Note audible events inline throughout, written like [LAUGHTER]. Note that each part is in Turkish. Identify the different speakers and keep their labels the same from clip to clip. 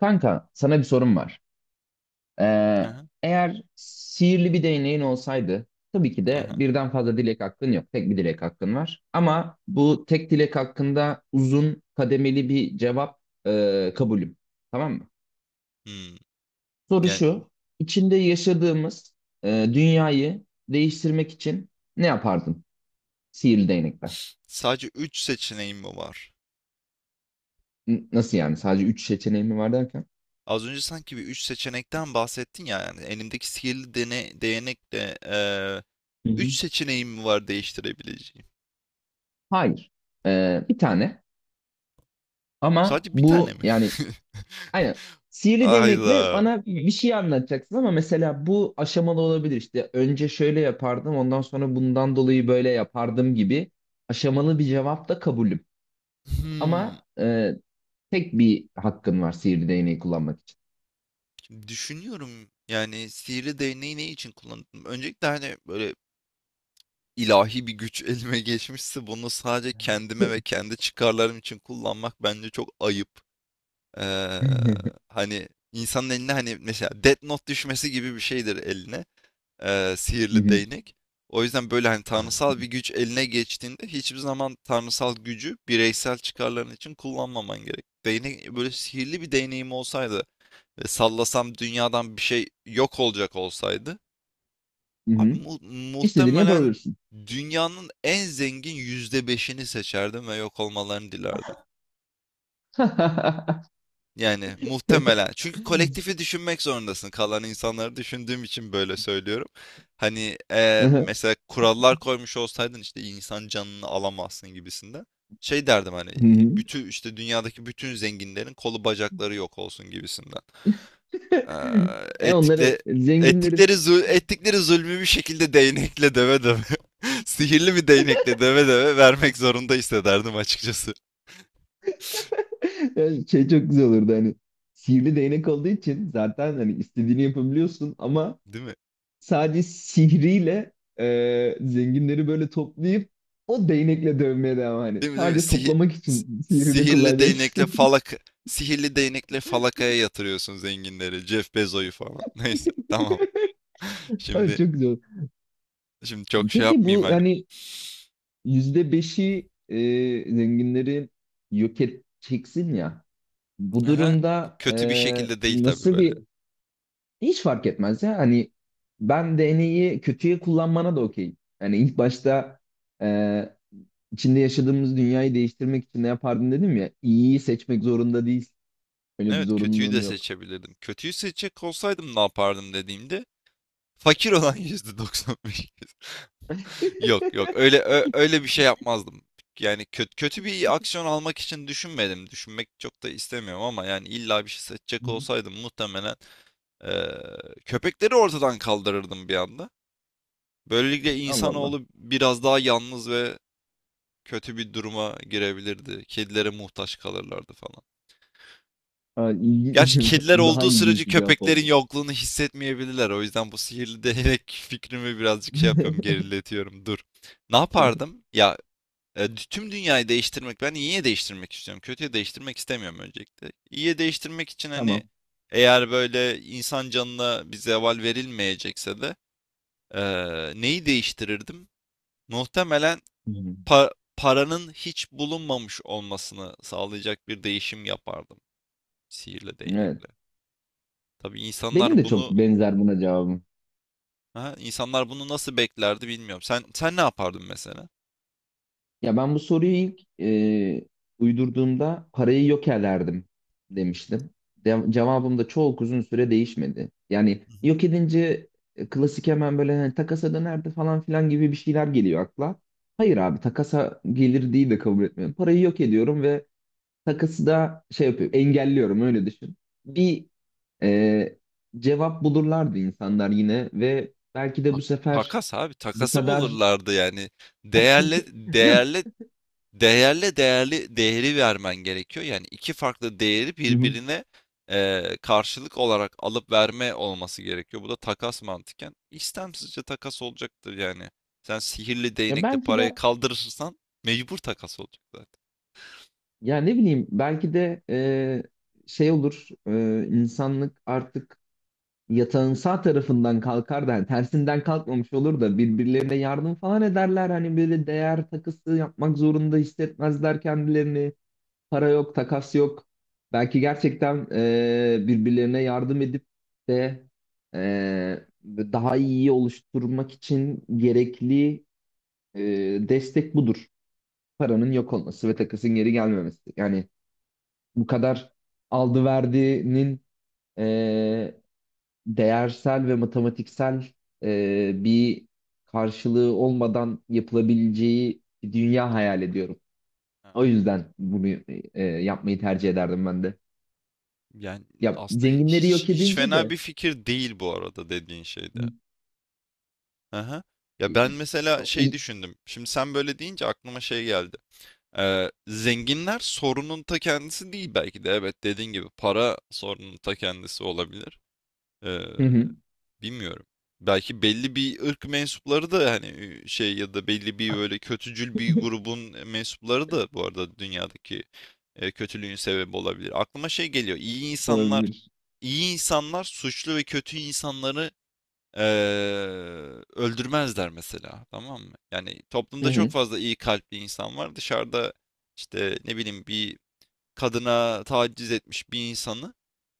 Speaker 1: Kanka, sana bir sorum var. Ee,
Speaker 2: Aha,
Speaker 1: Eğer sihirli bir değneğin olsaydı, tabii ki de
Speaker 2: aha.
Speaker 1: birden fazla dilek hakkın yok. Tek bir dilek hakkın var. Ama bu tek dilek hakkında uzun kademeli bir cevap kabulüm. Tamam mı?
Speaker 2: Hmm.
Speaker 1: Soru
Speaker 2: Yani
Speaker 1: şu, içinde yaşadığımız e, dünyayı değiştirmek için ne yapardın sihirli değnekle?
Speaker 2: sadece 3 seçeneğim mi var?
Speaker 1: Nasıl yani? Sadece üç seçeneğim mi var derken?
Speaker 2: Az önce sanki bir 3 seçenekten bahsettin ya yani elimdeki sihirli değnek de
Speaker 1: Hı hı.
Speaker 2: 3 seçeneğim mi var değiştirebileceğim?
Speaker 1: Hayır. Bir tane. Ama
Speaker 2: Sadece bir tane
Speaker 1: bu
Speaker 2: mi?
Speaker 1: yani.
Speaker 2: [LAUGHS]
Speaker 1: Aynen. Sihirli değnekle
Speaker 2: Ayda.
Speaker 1: bana bir şey anlatacaksın ama mesela bu aşamalı olabilir işte. Önce şöyle yapardım, ondan sonra bundan dolayı böyle yapardım gibi aşamalı bir cevap da kabulüm.
Speaker 2: Hmm.
Speaker 1: Ama tek bir hakkın var sihirli değneği kullanmak için.
Speaker 2: Şimdi düşünüyorum yani sihirli değneği ne için kullandım? Öncelikle hani böyle ilahi bir güç [LAUGHS] elime geçmişse bunu sadece kendime ve
Speaker 1: [LAUGHS]
Speaker 2: kendi çıkarlarım için kullanmak bence çok ayıp. Eee,
Speaker 1: Hı
Speaker 2: hani insanın eline hani mesela Death Note düşmesi gibi bir şeydir eline sihirli
Speaker 1: hı,
Speaker 2: değnek. O yüzden böyle hani tanrısal bir güç eline geçtiğinde hiçbir zaman tanrısal gücü bireysel çıkarların için kullanmaman gerek. Değnek böyle sihirli bir değneğim olsaydı ve sallasam dünyadan bir şey yok olacak olsaydı
Speaker 1: hı
Speaker 2: abi
Speaker 1: hı. İstediğini
Speaker 2: muhtemelen
Speaker 1: yapabilirsin.
Speaker 2: dünyanın en zengin %5'ini seçerdim ve yok olmalarını dilerdim.
Speaker 1: [LAUGHS]
Speaker 2: Yani muhtemelen. Çünkü kolektifi düşünmek zorundasın. Kalan insanları düşündüğüm için böyle söylüyorum. Hani
Speaker 1: Hı
Speaker 2: mesela kurallar koymuş olsaydın işte insan canını alamazsın gibisinde. Şey derdim hani
Speaker 1: hı.
Speaker 2: bütün işte dünyadaki bütün zenginlerin kolu bacakları yok olsun gibisinden. Eee
Speaker 1: E onları
Speaker 2: ettikle,
Speaker 1: zenginlerin.
Speaker 2: Ettikleri zulmü bir şekilde değnekle döve döve. [LAUGHS] Sihirli bir değnekle döve döve vermek zorunda hissederdim açıkçası.
Speaker 1: [LAUGHS] Şey çok güzel olurdu hani sihirli değnek olduğu için zaten hani istediğini yapabiliyorsun ama
Speaker 2: Değil mi?
Speaker 1: sadece sihriyle zenginleri böyle toplayıp o değnekle dövmeye devam hani.
Speaker 2: Değil mi?
Speaker 1: Sadece toplamak için sihrini
Speaker 2: Sihirli değnekle
Speaker 1: kullanacaksın.
Speaker 2: falakaya yatırıyorsun zenginleri. Jeff Bezos'u falan. [LAUGHS] Neyse tamam.
Speaker 1: [LAUGHS] Ay,
Speaker 2: Şimdi
Speaker 1: çok güzel.
Speaker 2: şimdi çok şey
Speaker 1: Peki
Speaker 2: yapmayayım
Speaker 1: bu
Speaker 2: hani.
Speaker 1: yani yüzde beşi zenginleri yok edeceksin ya. Bu
Speaker 2: Aha, bu
Speaker 1: durumda
Speaker 2: kötü bir şekilde değil tabii
Speaker 1: nasıl
Speaker 2: böyle.
Speaker 1: bir hiç fark etmez ya. Hani ben DNA'yı kötüye kullanmana da okeyim. Yani ilk başta e, içinde yaşadığımız dünyayı değiştirmek için ne yapardın dedim ya. İyiyi seçmek zorunda değilsin. Öyle bir
Speaker 2: Evet kötüyü
Speaker 1: zorunluluğun
Speaker 2: de
Speaker 1: yok.
Speaker 2: seçebilirdim. Kötüyü seçecek olsaydım ne yapardım dediğimde fakir olan [LAUGHS] %95. [LAUGHS]
Speaker 1: [LAUGHS]
Speaker 2: Yok yok öyle öyle bir şey yapmazdım. Yani kötü, kötü bir aksiyon almak için düşünmedim. Düşünmek çok da istemiyorum ama yani illa bir şey
Speaker 1: Hı
Speaker 2: seçecek
Speaker 1: hı.
Speaker 2: olsaydım muhtemelen Ee, köpekleri ortadan kaldırırdım bir anda. Böylelikle
Speaker 1: Allah Allah.
Speaker 2: insanoğlu biraz daha yalnız ve kötü bir duruma girebilirdi. Kedilere muhtaç kalırlardı falan.
Speaker 1: Ha, ilginç.
Speaker 2: Gerçi
Speaker 1: [LAUGHS]
Speaker 2: kediler
Speaker 1: Bu daha
Speaker 2: olduğu sürece
Speaker 1: ilginç bir cevap
Speaker 2: köpeklerin
Speaker 1: oldu.
Speaker 2: yokluğunu hissetmeyebilirler. O yüzden bu sihirli [LAUGHS] değnek fikrimi birazcık şey yapıyorum, geriletiyorum. Dur. Ne yapardım? Ya tüm dünyayı değiştirmek, ben iyiye değiştirmek istiyorum. Kötüye değiştirmek istemiyorum öncelikle. İyiye değiştirmek için hani
Speaker 1: Tamam.
Speaker 2: eğer böyle insan canına bir zeval verilmeyecekse de neyi değiştirirdim? Muhtemelen
Speaker 1: Hı hı.
Speaker 2: paranın hiç bulunmamış olmasını sağlayacak bir değişim yapardım sihirle
Speaker 1: Evet.
Speaker 2: değnekle. Tabii
Speaker 1: Benim
Speaker 2: insanlar
Speaker 1: de çok
Speaker 2: bunu
Speaker 1: benzer buna cevabım.
Speaker 2: nasıl beklerdi bilmiyorum. Sen ne yapardın mesela?
Speaker 1: Ya ben bu soruyu ilk uydurduğumda parayı yokerlerdim demiştim. Cevabım da çok uzun süre değişmedi. Yani
Speaker 2: Hı hı.
Speaker 1: yok edince klasik hemen böyle hani takasa dönerdi falan filan gibi bir şeyler geliyor akla. Hayır abi takasa gelir değil de kabul etmiyorum. Parayı yok ediyorum ve takısı da şey yapıyor, engelliyorum öyle düşün. Bir e, cevap bulurlardı insanlar yine ve belki de
Speaker 2: Tak-
Speaker 1: bu sefer
Speaker 2: takas abi,
Speaker 1: bu
Speaker 2: takası
Speaker 1: kadar.
Speaker 2: bulurlardı yani. Değerle
Speaker 1: [LAUGHS] Yok.
Speaker 2: değerle Değerle değerli değeri vermen gerekiyor. Yani iki farklı değeri
Speaker 1: Hı hı.
Speaker 2: birbirine karşılık olarak alıp verme olması gerekiyor. Bu da takas mantıken istemsizce takas olacaktır yani. Sen sihirli
Speaker 1: Ya
Speaker 2: değnekle
Speaker 1: belki
Speaker 2: parayı
Speaker 1: de
Speaker 2: kaldırırsan mecbur takas olacak zaten.
Speaker 1: ya ne bileyim belki de şey olur insanlık artık yatağın sağ tarafından kalkar da yani tersinden kalkmamış olur da birbirlerine yardım falan ederler hani böyle değer takısı yapmak zorunda hissetmezler kendilerini, para yok, takas yok. Belki gerçekten birbirlerine yardım edip de daha iyi oluşturmak için gerekli e, destek budur. Paranın yok olması ve takasın geri gelmemesi. Yani bu kadar aldı verdinin e, değersel ve matematiksel bir karşılığı olmadan yapılabileceği bir dünya hayal ediyorum.
Speaker 2: Ha.
Speaker 1: O yüzden bunu yapmayı tercih ederdim ben de.
Speaker 2: Yani
Speaker 1: Ya
Speaker 2: aslında
Speaker 1: zenginleri
Speaker 2: hiç
Speaker 1: yok
Speaker 2: hiç
Speaker 1: edince
Speaker 2: fena
Speaker 1: de
Speaker 2: bir fikir değil bu arada dediğin
Speaker 1: hı.
Speaker 2: şeyde. Aha. Ya ben
Speaker 1: i-
Speaker 2: mesela
Speaker 1: o
Speaker 2: şey
Speaker 1: iyi-
Speaker 2: düşündüm. Şimdi sen böyle deyince aklıma şey geldi. Zenginler sorunun ta kendisi değil belki de. Evet dediğin gibi para sorunun ta kendisi olabilir. Ee,
Speaker 1: Hı hı.
Speaker 2: bilmiyorum. Belki belli bir ırk mensupları da hani şey ya da belli bir böyle kötücül bir
Speaker 1: [LAUGHS]
Speaker 2: grubun mensupları da bu arada dünyadaki kötülüğün sebebi olabilir. Aklıma şey geliyor. İyi insanlar,
Speaker 1: Olabilir.
Speaker 2: iyi insanlar suçlu ve kötü insanları Eee, öldürmezler mesela, tamam mı? Yani
Speaker 1: Hı
Speaker 2: toplumda çok
Speaker 1: hı.
Speaker 2: fazla iyi kalpli insan var. Dışarıda işte ne bileyim bir kadına taciz etmiş bir insanı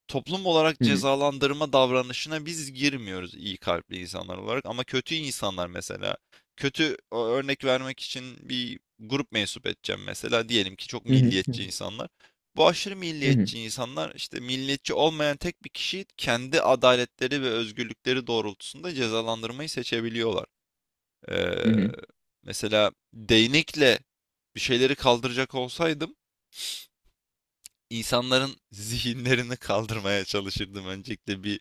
Speaker 2: toplum olarak
Speaker 1: Hı hı.
Speaker 2: cezalandırma davranışına biz girmiyoruz iyi kalpli insanlar olarak ama kötü insanlar mesela kötü örnek vermek için bir grup mensup edeceğim mesela diyelim ki çok
Speaker 1: Hı hı.
Speaker 2: milliyetçi insanlar. Bu aşırı
Speaker 1: Hı hı.
Speaker 2: milliyetçi insanlar işte milliyetçi olmayan tek bir kişiyi kendi adaletleri ve özgürlükleri doğrultusunda cezalandırmayı seçebiliyorlar. Ee,
Speaker 1: Hı hı.
Speaker 2: mesela değnekle bir şeyleri kaldıracak olsaydım insanların [LAUGHS] zihinlerini kaldırmaya çalışırdım. Öncelikle bir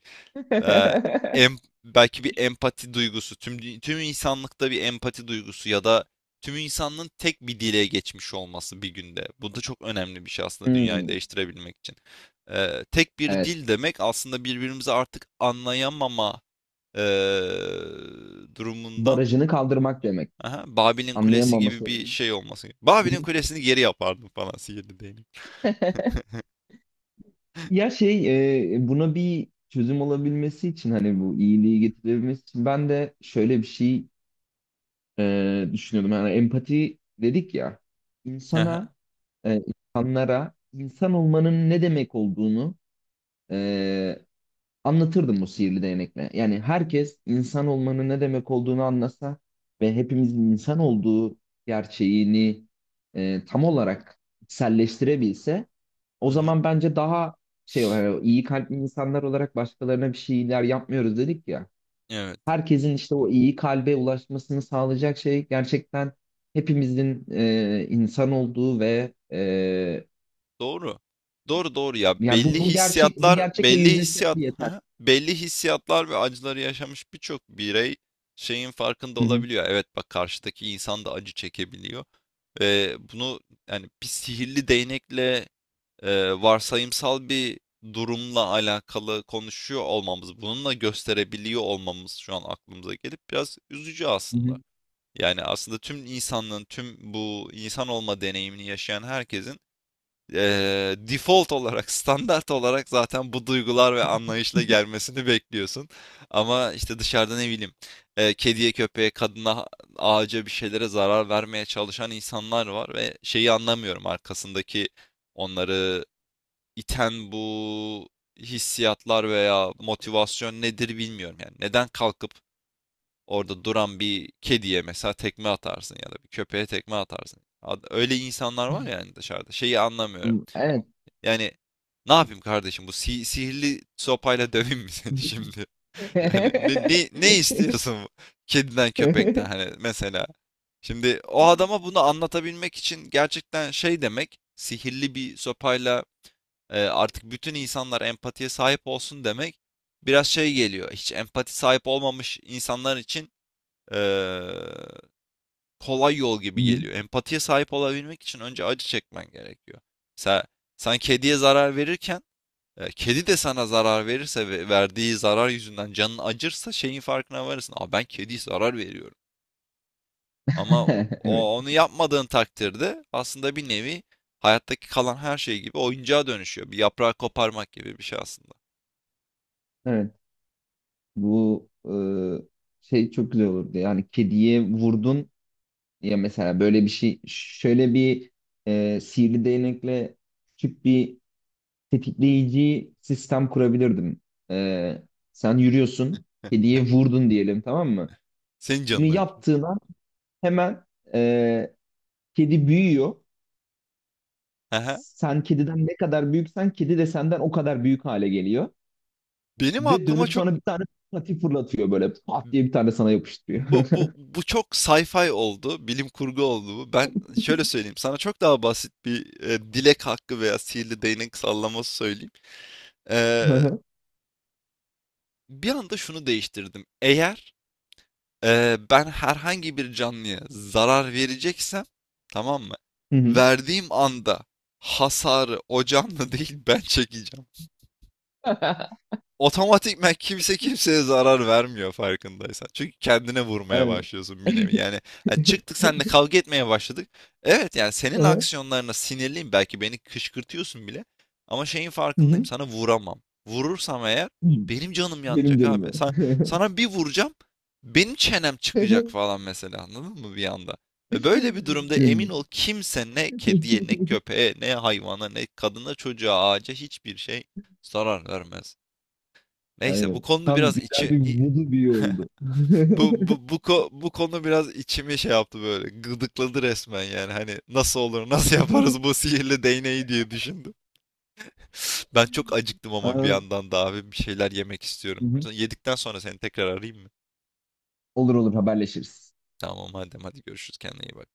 Speaker 2: e, em-
Speaker 1: [LAUGHS]
Speaker 2: belki bir empati duygusu, tüm insanlıkta bir empati duygusu ya da tüm insanlığın tek bir dile geçmiş olması bir günde. Bu da çok önemli bir şey aslında dünyayı
Speaker 1: Hmm,
Speaker 2: değiştirebilmek için. Tek bir
Speaker 1: evet.
Speaker 2: dil demek aslında birbirimizi artık anlayamama e, durumundan
Speaker 1: Barajını kaldırmak demek.
Speaker 2: aha, Babil'in Kulesi
Speaker 1: Anlayamama
Speaker 2: gibi bir
Speaker 1: sorunu.
Speaker 2: şey olması.
Speaker 1: Hı hı.
Speaker 2: Babil'in Kulesi'ni geri yapardım falan sihirli değnek. [LAUGHS]
Speaker 1: Ya şey buna bir çözüm olabilmesi için hani bu iyiliği getirebilmesi için ben de şöyle bir şey düşünüyordum. Yani empati dedik ya
Speaker 2: Aha,
Speaker 1: insana, e, insanlara insan olmanın ne demek olduğunu e, anlatırdım bu sihirli değnekle. Yani herkes insan olmanın ne demek olduğunu anlasa ve hepimizin insan olduğu gerçeğini tam olarak içselleştirebilse
Speaker 2: hı
Speaker 1: o
Speaker 2: hı.
Speaker 1: zaman bence daha şey olarak yani iyi kalpli insanlar olarak başkalarına bir şeyler yapmıyoruz dedik ya.
Speaker 2: Evet.
Speaker 1: Herkesin işte o iyi kalbe ulaşmasını sağlayacak şey gerçekten hepimizin insan olduğu ve
Speaker 2: Doğru. Doğru, doğru ya.
Speaker 1: yani bu
Speaker 2: Belli
Speaker 1: bu gerçek bu
Speaker 2: hissiyatlar,
Speaker 1: gerçekle
Speaker 2: belli
Speaker 1: yüzleşseler
Speaker 2: hissiyat, [LAUGHS]
Speaker 1: yeter.
Speaker 2: Haha. Belli hissiyatlar ve acıları yaşamış birçok birey şeyin farkında
Speaker 1: Hı hı.
Speaker 2: olabiliyor. Evet bak karşıdaki insan da acı çekebiliyor. Ve bunu yani bir sihirli değnekle varsayımsal bir durumla alakalı konuşuyor olmamız, bununla gösterebiliyor olmamız şu an aklımıza gelip biraz üzücü
Speaker 1: Hı
Speaker 2: aslında. Yani aslında tüm insanlığın, tüm bu insan olma deneyimini yaşayan herkesin default olarak, standart olarak zaten bu duygular ve anlayışla gelmesini bekliyorsun. Ama işte dışarıda ne bileyim, kediye, köpeğe, kadına, ağaca bir şeylere zarar vermeye çalışan insanlar var ve şeyi anlamıyorum arkasındaki onları iten bu hissiyatlar veya motivasyon nedir bilmiyorum yani. Neden kalkıp orada duran bir kediye mesela tekme atarsın ya da bir köpeğe tekme atarsın. Öyle insanlar var yani dışarıda. Şeyi anlamıyorum.
Speaker 1: hı. Evet.
Speaker 2: Yani ne yapayım kardeşim bu sihirli sopayla [LAUGHS] döveyim mi seni [LAUGHS] şimdi? Yani ne,
Speaker 1: [LAUGHS]
Speaker 2: ne,
Speaker 1: [LAUGHS]
Speaker 2: ne istiyorsun [LAUGHS] kediden köpekten hani mesela? Şimdi o adama bunu anlatabilmek için gerçekten şey demek sihirli bir sopayla artık bütün insanlar empatiye sahip olsun demek biraz şey geliyor. Hiç empati sahip olmamış insanlar için e, kolay yol gibi
Speaker 1: Hı.
Speaker 2: geliyor. Empatiye sahip olabilmek için önce acı çekmen gerekiyor. Mesela sen kediye zarar verirken kedi de sana zarar verirse ve verdiği zarar yüzünden canın acırsa şeyin farkına varırsın. Aa, ben kediye zarar veriyorum. Ama
Speaker 1: [LAUGHS] Evet.
Speaker 2: onu yapmadığın takdirde aslında bir nevi hayattaki kalan her şey gibi oyuncağa dönüşüyor. Bir yaprağı koparmak gibi bir şey aslında.
Speaker 1: Evet. Bu şey çok güzel olurdu. Yani kediye vurdun ya mesela böyle bir şey şöyle bir sihirli değnekle küçük bir tetikleyici sistem kurabilirdim. E, Sen yürüyorsun.
Speaker 2: [LAUGHS]
Speaker 1: Kediye vurdun diyelim, tamam mı?
Speaker 2: Senin
Speaker 1: Bunu
Speaker 2: canın acıyor.
Speaker 1: yaptığın hemen e, kedi büyüyor.
Speaker 2: Aha.
Speaker 1: Sen kediden ne kadar büyüksen kedi de senden o kadar büyük hale geliyor.
Speaker 2: Benim
Speaker 1: Ve
Speaker 2: aklıma
Speaker 1: dönüp
Speaker 2: çok
Speaker 1: sana bir tane pati fırlatıyor böyle. Pat diye bir tane sana
Speaker 2: bu
Speaker 1: yapıştırıyor. [LAUGHS]
Speaker 2: bu bu çok sci-fi oldu, bilim kurgu oldu bu. Ben şöyle söyleyeyim, sana çok daha basit bir dilek hakkı veya sihirli değnek sallaması söyleyeyim.
Speaker 1: Hı
Speaker 2: Ee,
Speaker 1: hı.
Speaker 2: Bir anda şunu değiştirdim. Eğer, ben herhangi bir canlıya zarar vereceksem, tamam mı?
Speaker 1: Hı hı.
Speaker 2: Verdiğim anda hasarı o canlı [LAUGHS] değil ben çekeceğim otomatikman kimse kimseye zarar vermiyor farkındaysan. Çünkü kendine vurmaya
Speaker 1: Evet.
Speaker 2: başlıyorsun bir nevi. Yani, ha, çıktık seninle kavga etmeye başladık. Evet yani senin
Speaker 1: Hı hı.
Speaker 2: aksiyonlarına sinirliyim. Belki beni kışkırtıyorsun bile. Ama şeyin farkındayım.
Speaker 1: Hı
Speaker 2: Sana vuramam. Vurursam eğer
Speaker 1: hı.
Speaker 2: benim canım
Speaker 1: Benim
Speaker 2: yanacak
Speaker 1: canım
Speaker 2: abi.
Speaker 1: ya.
Speaker 2: Sana bir vuracağım. Benim çenem çıkacak
Speaker 1: [LAUGHS]
Speaker 2: falan mesela anladın mı bir anda? Ve böyle bir durumda emin
Speaker 1: Canım.
Speaker 2: ol kimse ne kediye ne köpeğe ne hayvana ne kadına çocuğa ağaca hiçbir şey zarar vermez. Neyse bu
Speaker 1: Aynen.
Speaker 2: konu
Speaker 1: Tam
Speaker 2: biraz
Speaker 1: güzel bir modu bir oldu.
Speaker 2: [LAUGHS] bu
Speaker 1: [LAUGHS]
Speaker 2: bu bu, ko- bu konu biraz içimi şey yaptı böyle gıdıkladı resmen yani hani nasıl olur [LAUGHS] nasıl yaparız bu sihirli değneği diye düşündüm. Ben çok acıktım ama bir
Speaker 1: Aa,
Speaker 2: yandan da abi bir şeyler yemek
Speaker 1: hı
Speaker 2: istiyorum.
Speaker 1: hı.
Speaker 2: Yedikten sonra seni tekrar arayayım mı?
Speaker 1: Olur olur, haberleşiriz.
Speaker 2: Tamam madem hadi görüşürüz, kendine iyi bak.